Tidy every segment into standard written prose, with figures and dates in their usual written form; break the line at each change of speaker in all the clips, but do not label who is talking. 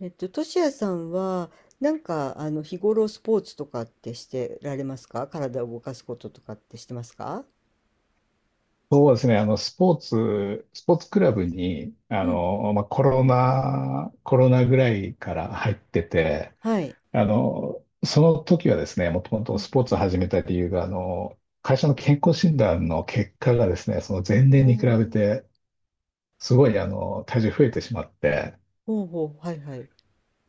としやさんは、日頃スポーツとかってしてられますか？体を動かすこととかってしてますか？
そうですね。スポーツクラブに、
うん。
まあ、コロナぐらいから入ってて、
はい。
その時はですね、もとも
う
と
ん。
スポーツを始めた理由が、会社の健康診断の結果がですね、その前年
お
に比べ
ー
て、すごい、体重増えてしまって、
ほうほう、はいはい。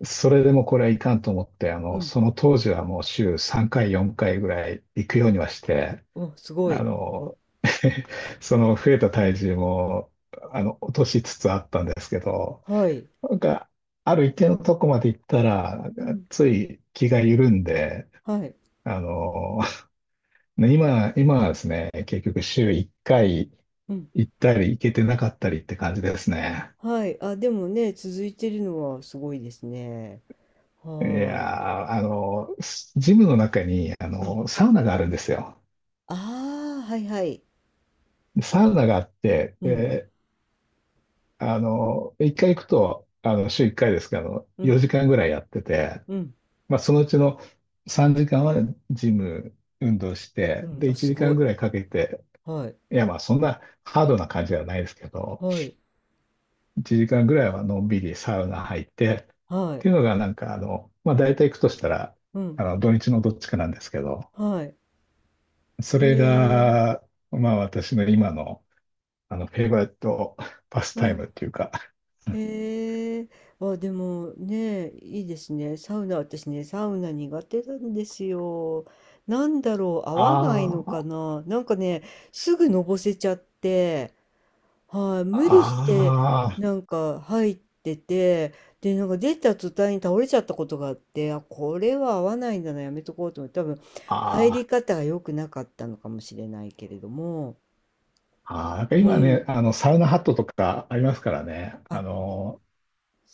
それでもこれはいかんと思って、
うん。
その当時はもう週3回、4回ぐらい行くようにはして、
お、すご
あ
い。
の、その増えた体重も、落としつつあったんですけど、
はい。
なんか、ある一定のとこまで行ったら、なん
う
か
ん。
つい気が緩んで、
はい。
あの、今はですね、結局週1回
うん。
行ったり行けてなかったりって感じですね。
はい。あ、でもね、続いてるのはすごいですね。
い
はーい。
やー、ジムの中に、
うん。
サウナがあるんですよ。
ああ、はいはい。
サウナがあって、
うん。
で一回行くと、週一回ですけど、
うん。
4時間ぐらいやってて、
うん。
まあ、そのうちの3時間はジム運動して、
うん。
で、
あ、
1
す
時
ご
間
い。
ぐらいかけて、
はい。
いや、まあ、そんなハードな感じではないですけど、
はい。
1時間ぐらいはのんびりサウナ入って、っ
は
て
い。
いうのがなんか、まあ、大体行くとしたら、
うん。
土日のどっちかなんですけど、
はい。
そ
え
れ
ー。
が、まあ、私の今の、フェイバリットパス
う
タイム
ん。
っていうか、
へえ、あ、でもね、いいですね。サウナ、私ね、サウナ苦手なんですよ。なんだろう、合
あ
わないのか
ー
な。なんかね、すぐのぼせちゃって、はい、
あ
無理して、
ー、
なんか入ってて、で、なんか出た途端に倒れちゃったことがあって、あ、これは合わないんだな、やめとこうと思って、多分、
あ
入り
ー
方が良くなかったのかもしれないけれども、
あー、なん
う
か今ね、
ん、
サウナハットとかありますからね、
あ、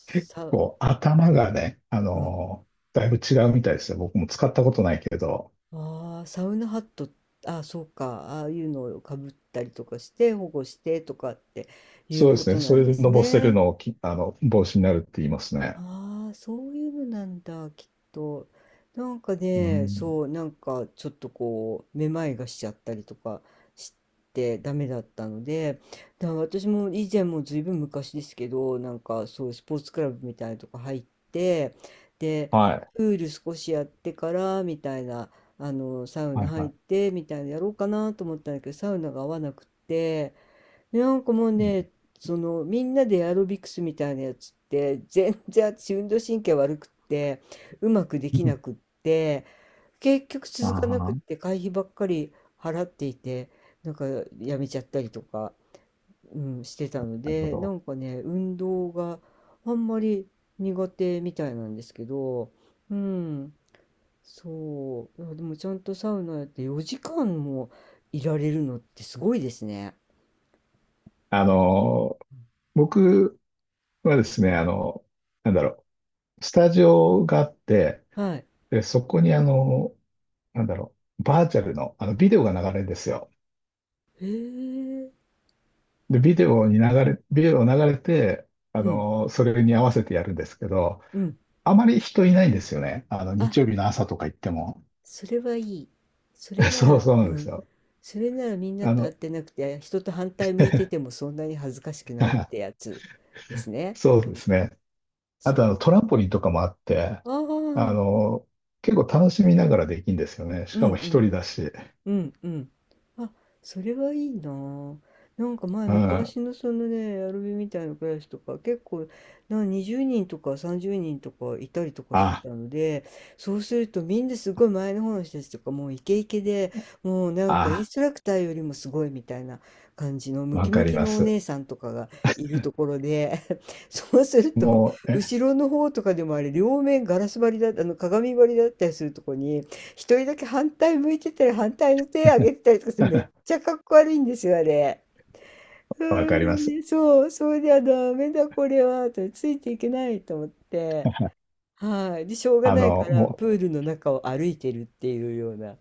結
さ、
構頭がね、
うん。
だいぶ違うみたいですよ。僕も使ったことないけど、
ああ、サウナハット、ああ、そうか、ああいうのをかぶったりとかして保護してとかっていう
そうで
こ
す
と
ね、
な
そ
ん
れ
で
で
す
のぼせる
ね。
のを帽子になるって言いますね。
ああ、そういうのなんだ、きっと。なんか
う
ね、
ん、
そう、なんかちょっとこう、めまいがしちゃったりとかしてダメだったので、だから私も以前もずいぶん昔ですけど、なんかそうスポーツクラブみたいなとこ入って、で、
はい、
プール少しやってからみたいな、サウ
は
ナ
い、は
入っ
い。
てみたいなやろうかなと思ったんだけど、サウナが合わなくって、なんかもうね、そのみんなでエアロビクスみたいなやつって全然私運動神経悪くって、うまくで
う
きな
ん
くって、結局 続か
あ
なくっ
あ、
て会費ばっかり払っていて、なんかやめちゃったりとか、うん、してたの
なるほ
で、な
ど。
んかね運動があんまり苦手みたいなんですけど、うん、そういやでもちゃんとサウナやって4時間もいられるのってすごいですね。
あの、僕はですね、なんだろスタジオがあって、
はい。へ
で、そこになんだろバーチャルの、ビデオが流れるんですよ。
え。
で、ビデオ流れて、
うん、
それに合わせてやるんですけど、
うん。
あまり人いないんですよね。
あ、
日曜日の朝とか行っても。
それはいい。それ な
そう
ら、
そう
う
なんです
ん。
よ。
それならみんな
あ
と会っ
の、
てなくて、人と反対向いててもそんなに恥ずかしくないって やつですね。
そ
う
うで
ん。
すね。あと、
そ
トランポリンとかもあって、
う。ああ、
あ
うん
の、結構楽しみながらできるんですよね。し
う
か
ん。
も一人だし。
うんうん。あ、それはいいなあ。なんか前
うん。
昔のそのね、アルビみたいなクラスとか結構な20人とか30人とかいたりとかして
あ、
たので、そうするとみんなすごい前の方の人たちとかもうイケイケで、もうなんかイン
あ、
ストラクターよりもすごいみたいな感じのム
わ
キ
か
ム
り
キ
ま
のお
す。
姉さんとかがいるところで、そうすると
もう、
後ろの方とかでもあれ両面ガラス張りだ、あの鏡張りだったりするとこに一人だけ反対向いてたり、反対の手上げてたりとかする、めっ ちゃかっこ悪いんですよ、あれ。う
わか
ん、
り
で
ます。
ね、そう、それではダメだこれは、と、ついていけないと思って、はい。で、しょうがないから、
もう、
プールの中を歩いてるっていうような、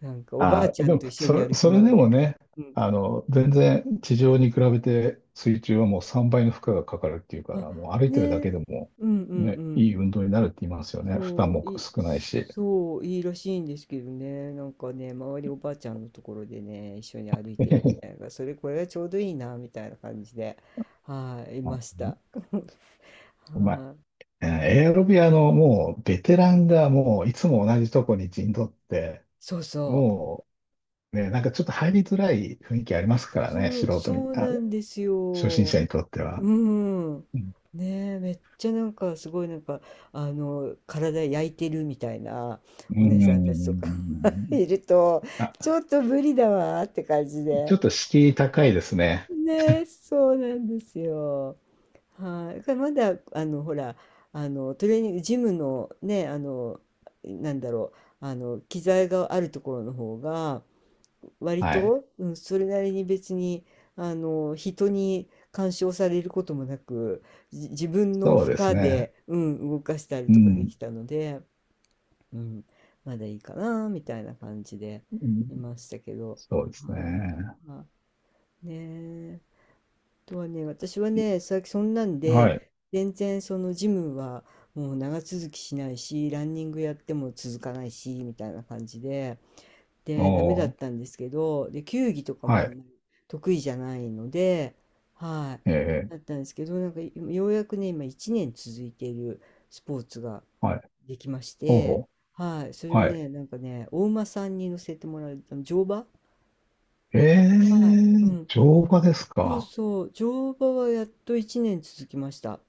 なんかおばあ
あ
ち
ー、
ゃ
で
ん
も、
と一緒に歩き
それ
回
で
っ
も
て。
ね、
うん。
全然地上に比べて水中はもう3倍の負荷がかかるっていうか
あ、
ら、もう歩い
ね
てるだけ
え、
でも、
うんうんう
ね、い
ん。
い運動になるって言いますよね。負
そ
担
う、
も少ないし。
そう、いいらしいんですけどね、なんかね、周りおばあちゃんのところでね、一緒に歩いてるみたい な、それ、これがちょうどいいな、みたいな感じで、はい、い
あ
ました。
うまい。
はい、
えーエアロビアのもうベテランがもういつも同じとこに陣取って、
そうそう、
もうね、なんかちょっと入りづらい雰囲気ありますからね、
そ
素
う、
人に、
そう
あ、
なんです
初心
よ。
者にとって
う
は。
ん。
うん。
ねえ、めっちゃなんか、すごいなんか、体焼いてるみたいな
うー
お姉さんたちとか
ん
いると、ち
あ、
ょっと無理だわーって感じ
ちょ
で。
っと敷居高いですね。
ね、そうなんですよ。はい。だからまだ、トレーニング、ジムのね、なんだろう、機材があるところの方が、割
はい。
と、うん、それなりに別に、人に干渉されることもなく、自分の
そう
負
です
荷
ね。
で、うん、動かしたり
う
とかで
ん。
きたので、うん、まだいいかな、みたいな感じで
うん
いましたけど、
そうですね。
はい。まあ、ねえ。とはね、私は
い
ね、そんなん
は
で、
い。
全然そのジムはもう長続きしないし、ランニングやっても続かないし、みたいな感じで、で、ダメだっ
お
た
ー、
んですけど、で、球技とか
は
もあん
い。
まり得意じゃないので、はい、
ええ
だったんですけど、なんかようやくね、今1年続いているスポーツが
はい。
できまし
ほうほ
て、はい、それ
う。
が
はい。
ね、なんかね、お馬さんに乗せてもらう、あの乗馬
え
はい、う
え
ん。
乗馬です
そう
か？
そう、乗馬はやっと1年続きました。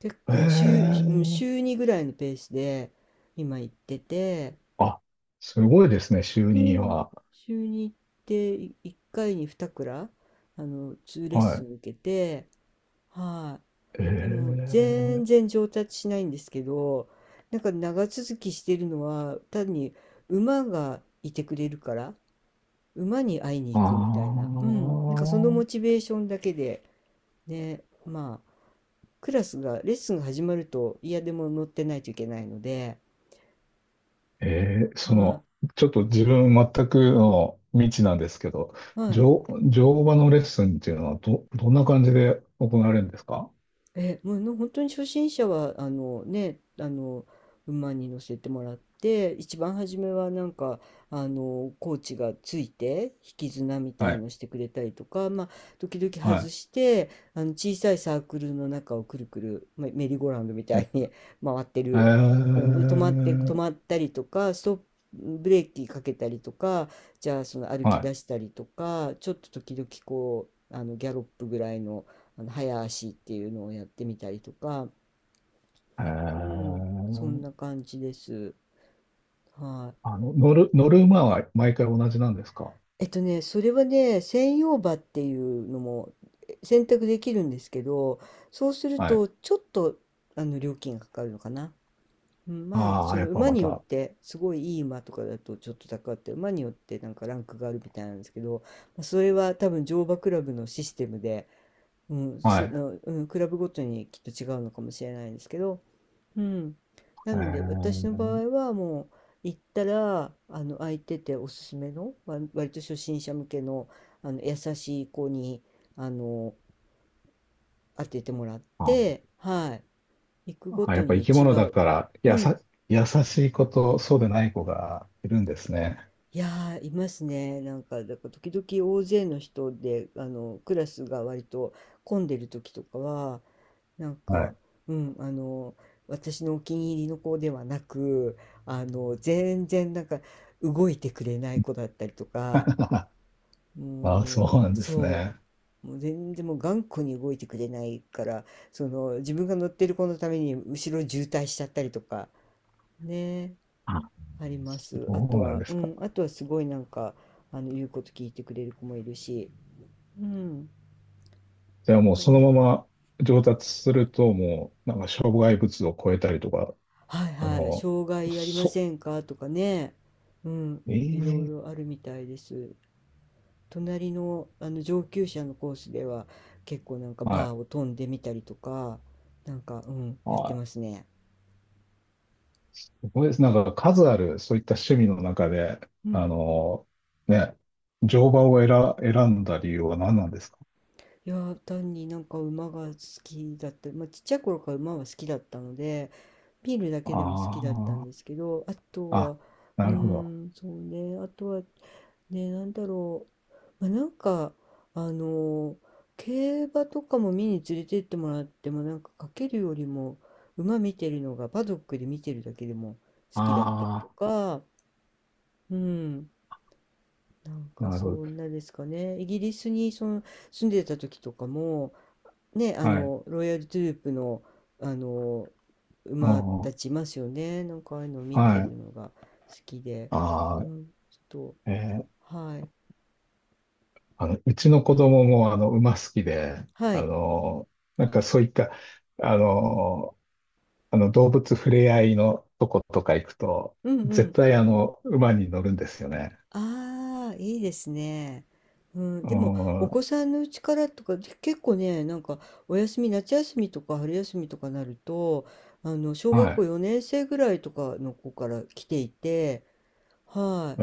結
え
構週、うん
え
週2ぐらいのペースで今行ってて、
あ、すごいですね、就
う
任
ん、
は。
週に行ってい1回に2クラ、ーレッ
は
ス
い。
ン受けて、はい。でも
ええ
全然上達しないんですけど、なんか長続きしてるのは単に馬がいてくれるから、馬に会いに
あ
行くみたいな。うん。なんかその
あ、
モチベーションだけで、ね、まあ、クラスが、レッスンが始まると、いやでも乗ってないといけないので、
ええ
は
ちょっと自分全くの未知なんですけど、
い、はい、
乗、乗馬のレッスンっていうのはどんな感じで行われるんですか？
え、もうの本当に初心者はあのね、あの馬に乗せてもらって、一番初めはなんかあのコーチがついて引き綱みた
は
い
い
のしてくれたりとか、まあ時々外
は
して、あの小さいサークルの中をくるくる、まあ、メリーゴーラウンドみた
い。
い
え、
に 回って
え
る。で止まって止まっ
ー、
たりとか、ストップブレーキかけたりとか、じゃあその歩き
は
出したりとか、ちょっと時々こうあのギャロップぐらいの。あの早足っていうのをやってみたりとか、
い。
うん、そんな感じです。はい。
乗る馬は毎回同じなんですか？
えっとね、それはね、専用馬っていうのも選択できるんですけど、そうする
はい。
とちょっとあの料金がかかるのかな。うん、まあ、
あ
そ
あ、や
の
っぱ
馬
ま
によっ
た、
て、すごいいい馬とかだとちょっと高くて、馬によってなんかランクがあるみたいなんですけど、まあそれは多分乗馬クラブのシステムで、うん、
は
そ
い。
の、うん、クラブごとにきっと違うのかもしれないですけど、うん。な
え
ので私の場
ー、
合はもう行ったらあの空いてておすすめの割と初心者向けの、あの優しい子にあの当ててもらっ
あ、
てはい行くご
あや
と
っぱ
に
生き
違
物だ
う。
から、
うん。
優しい子とそうでない子がいるんですね。
いやーいますね。なんか、だから時々大勢の人であのクラスが割と混んでる時とかはなん
は
か、
い。
うん、私のお気に入りの子ではなく、全然なんか動いてくれない子だったりとか、
ああ、
も
そ
う、
うなんです
そ
ね。
う、もう全然もう頑固に動いてくれないから、その、自分が乗ってる子のために後ろ渋滞しちゃったりとか、ね、
あ
ありま
そ
す。あと
うなん
は、
で
う
すか。
ん、あとはすごいなんか、言うこと聞いてくれる子もいるし、うん、
じゃあ
う
もうその
ん
まま上達すると、もう、なんか障害物を超えたりとか、
はい
あ
はい、
の、
障害ありま
そ、
せんかとかね、うん、
え
いろい
え
ろあるみたいです。隣の、あの上級者のコースでは結構なんか
は
バー
い。
を飛んでみたりとか、なんか、うん、やって
は
ますね。
い。これです。なんか数あるそういった趣味の中で、
う
あ
ん。
の、ね、乗馬を選んだ理由は何なんですか？
いやー単になんか馬が好きだった、まあ、ちっちゃい頃から馬は好きだったので、ビールだけでも好きだったん
あ
ですけど、あと
あ、
は、
あ、
う
な
ー
るほど。
ん、そうね、あとは、ね、なんだろう、まあ、なんか、あの、競馬とかも見に連れてってもらっても、なんかかけるよりも、馬見てるのが、パドックで見てるだけでも好きだったり
あ
とか、うん、なん
あ、
か
なる
そ
ほど。
んなですかね。イギリスにその住んでた時とかも、ね、あ
はい。
の、ロイヤルトゥループの、あの
う
馬
んう
た
ん
ちいますよね。なんかああいうのを見て
は
る
い。
のが好きで。う
ああ、
ん、ちょっ
えー
と、はい。
うちの子供も、馬好きで、
は
あ
い。
の、なんかそういった、あの、動物触れ合いのとことか行くと、
うんう
絶
ん。
対、馬に乗るんですよね。
ああ、いいですね。うん、
う
でも、
ん
お
は
子さんのうちからとか、で結構ね、なんか、お休み、夏休みとか春休みとかなると、小学
い。
校4年生ぐらいとかの子から来ていて、はい。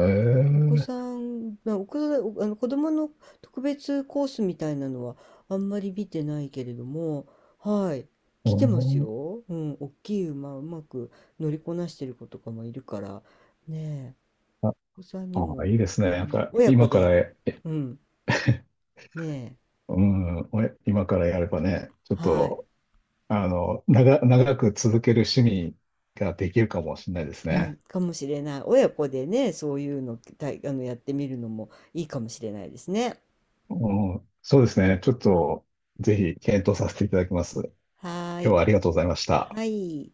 お子
え
さん、まあ、お子さん、あの子供の特別コースみたいなのはあんまり見てないけれども、はい、
お
来てます
ー
よ。うん、大きい馬うまく乗りこなしてる子とかもいるから、ねえ、
あ、
お子さんに
あ、
も、
いいですね。
う
なん
ん、
か、
親子
今から、
で、うん、ねえ、
うん、今からやればね、ちょっ
はい、
と、長く続ける趣味ができるかもしれないです
うん、
ね。
かもしれない。親子でね、そういうの、あの、やってみるのもいいかもしれないですね。
うん、そうですね。ちょっと、ぜひ検討させていただきます。
はー
今日
い、
はありがとうございました。
はい。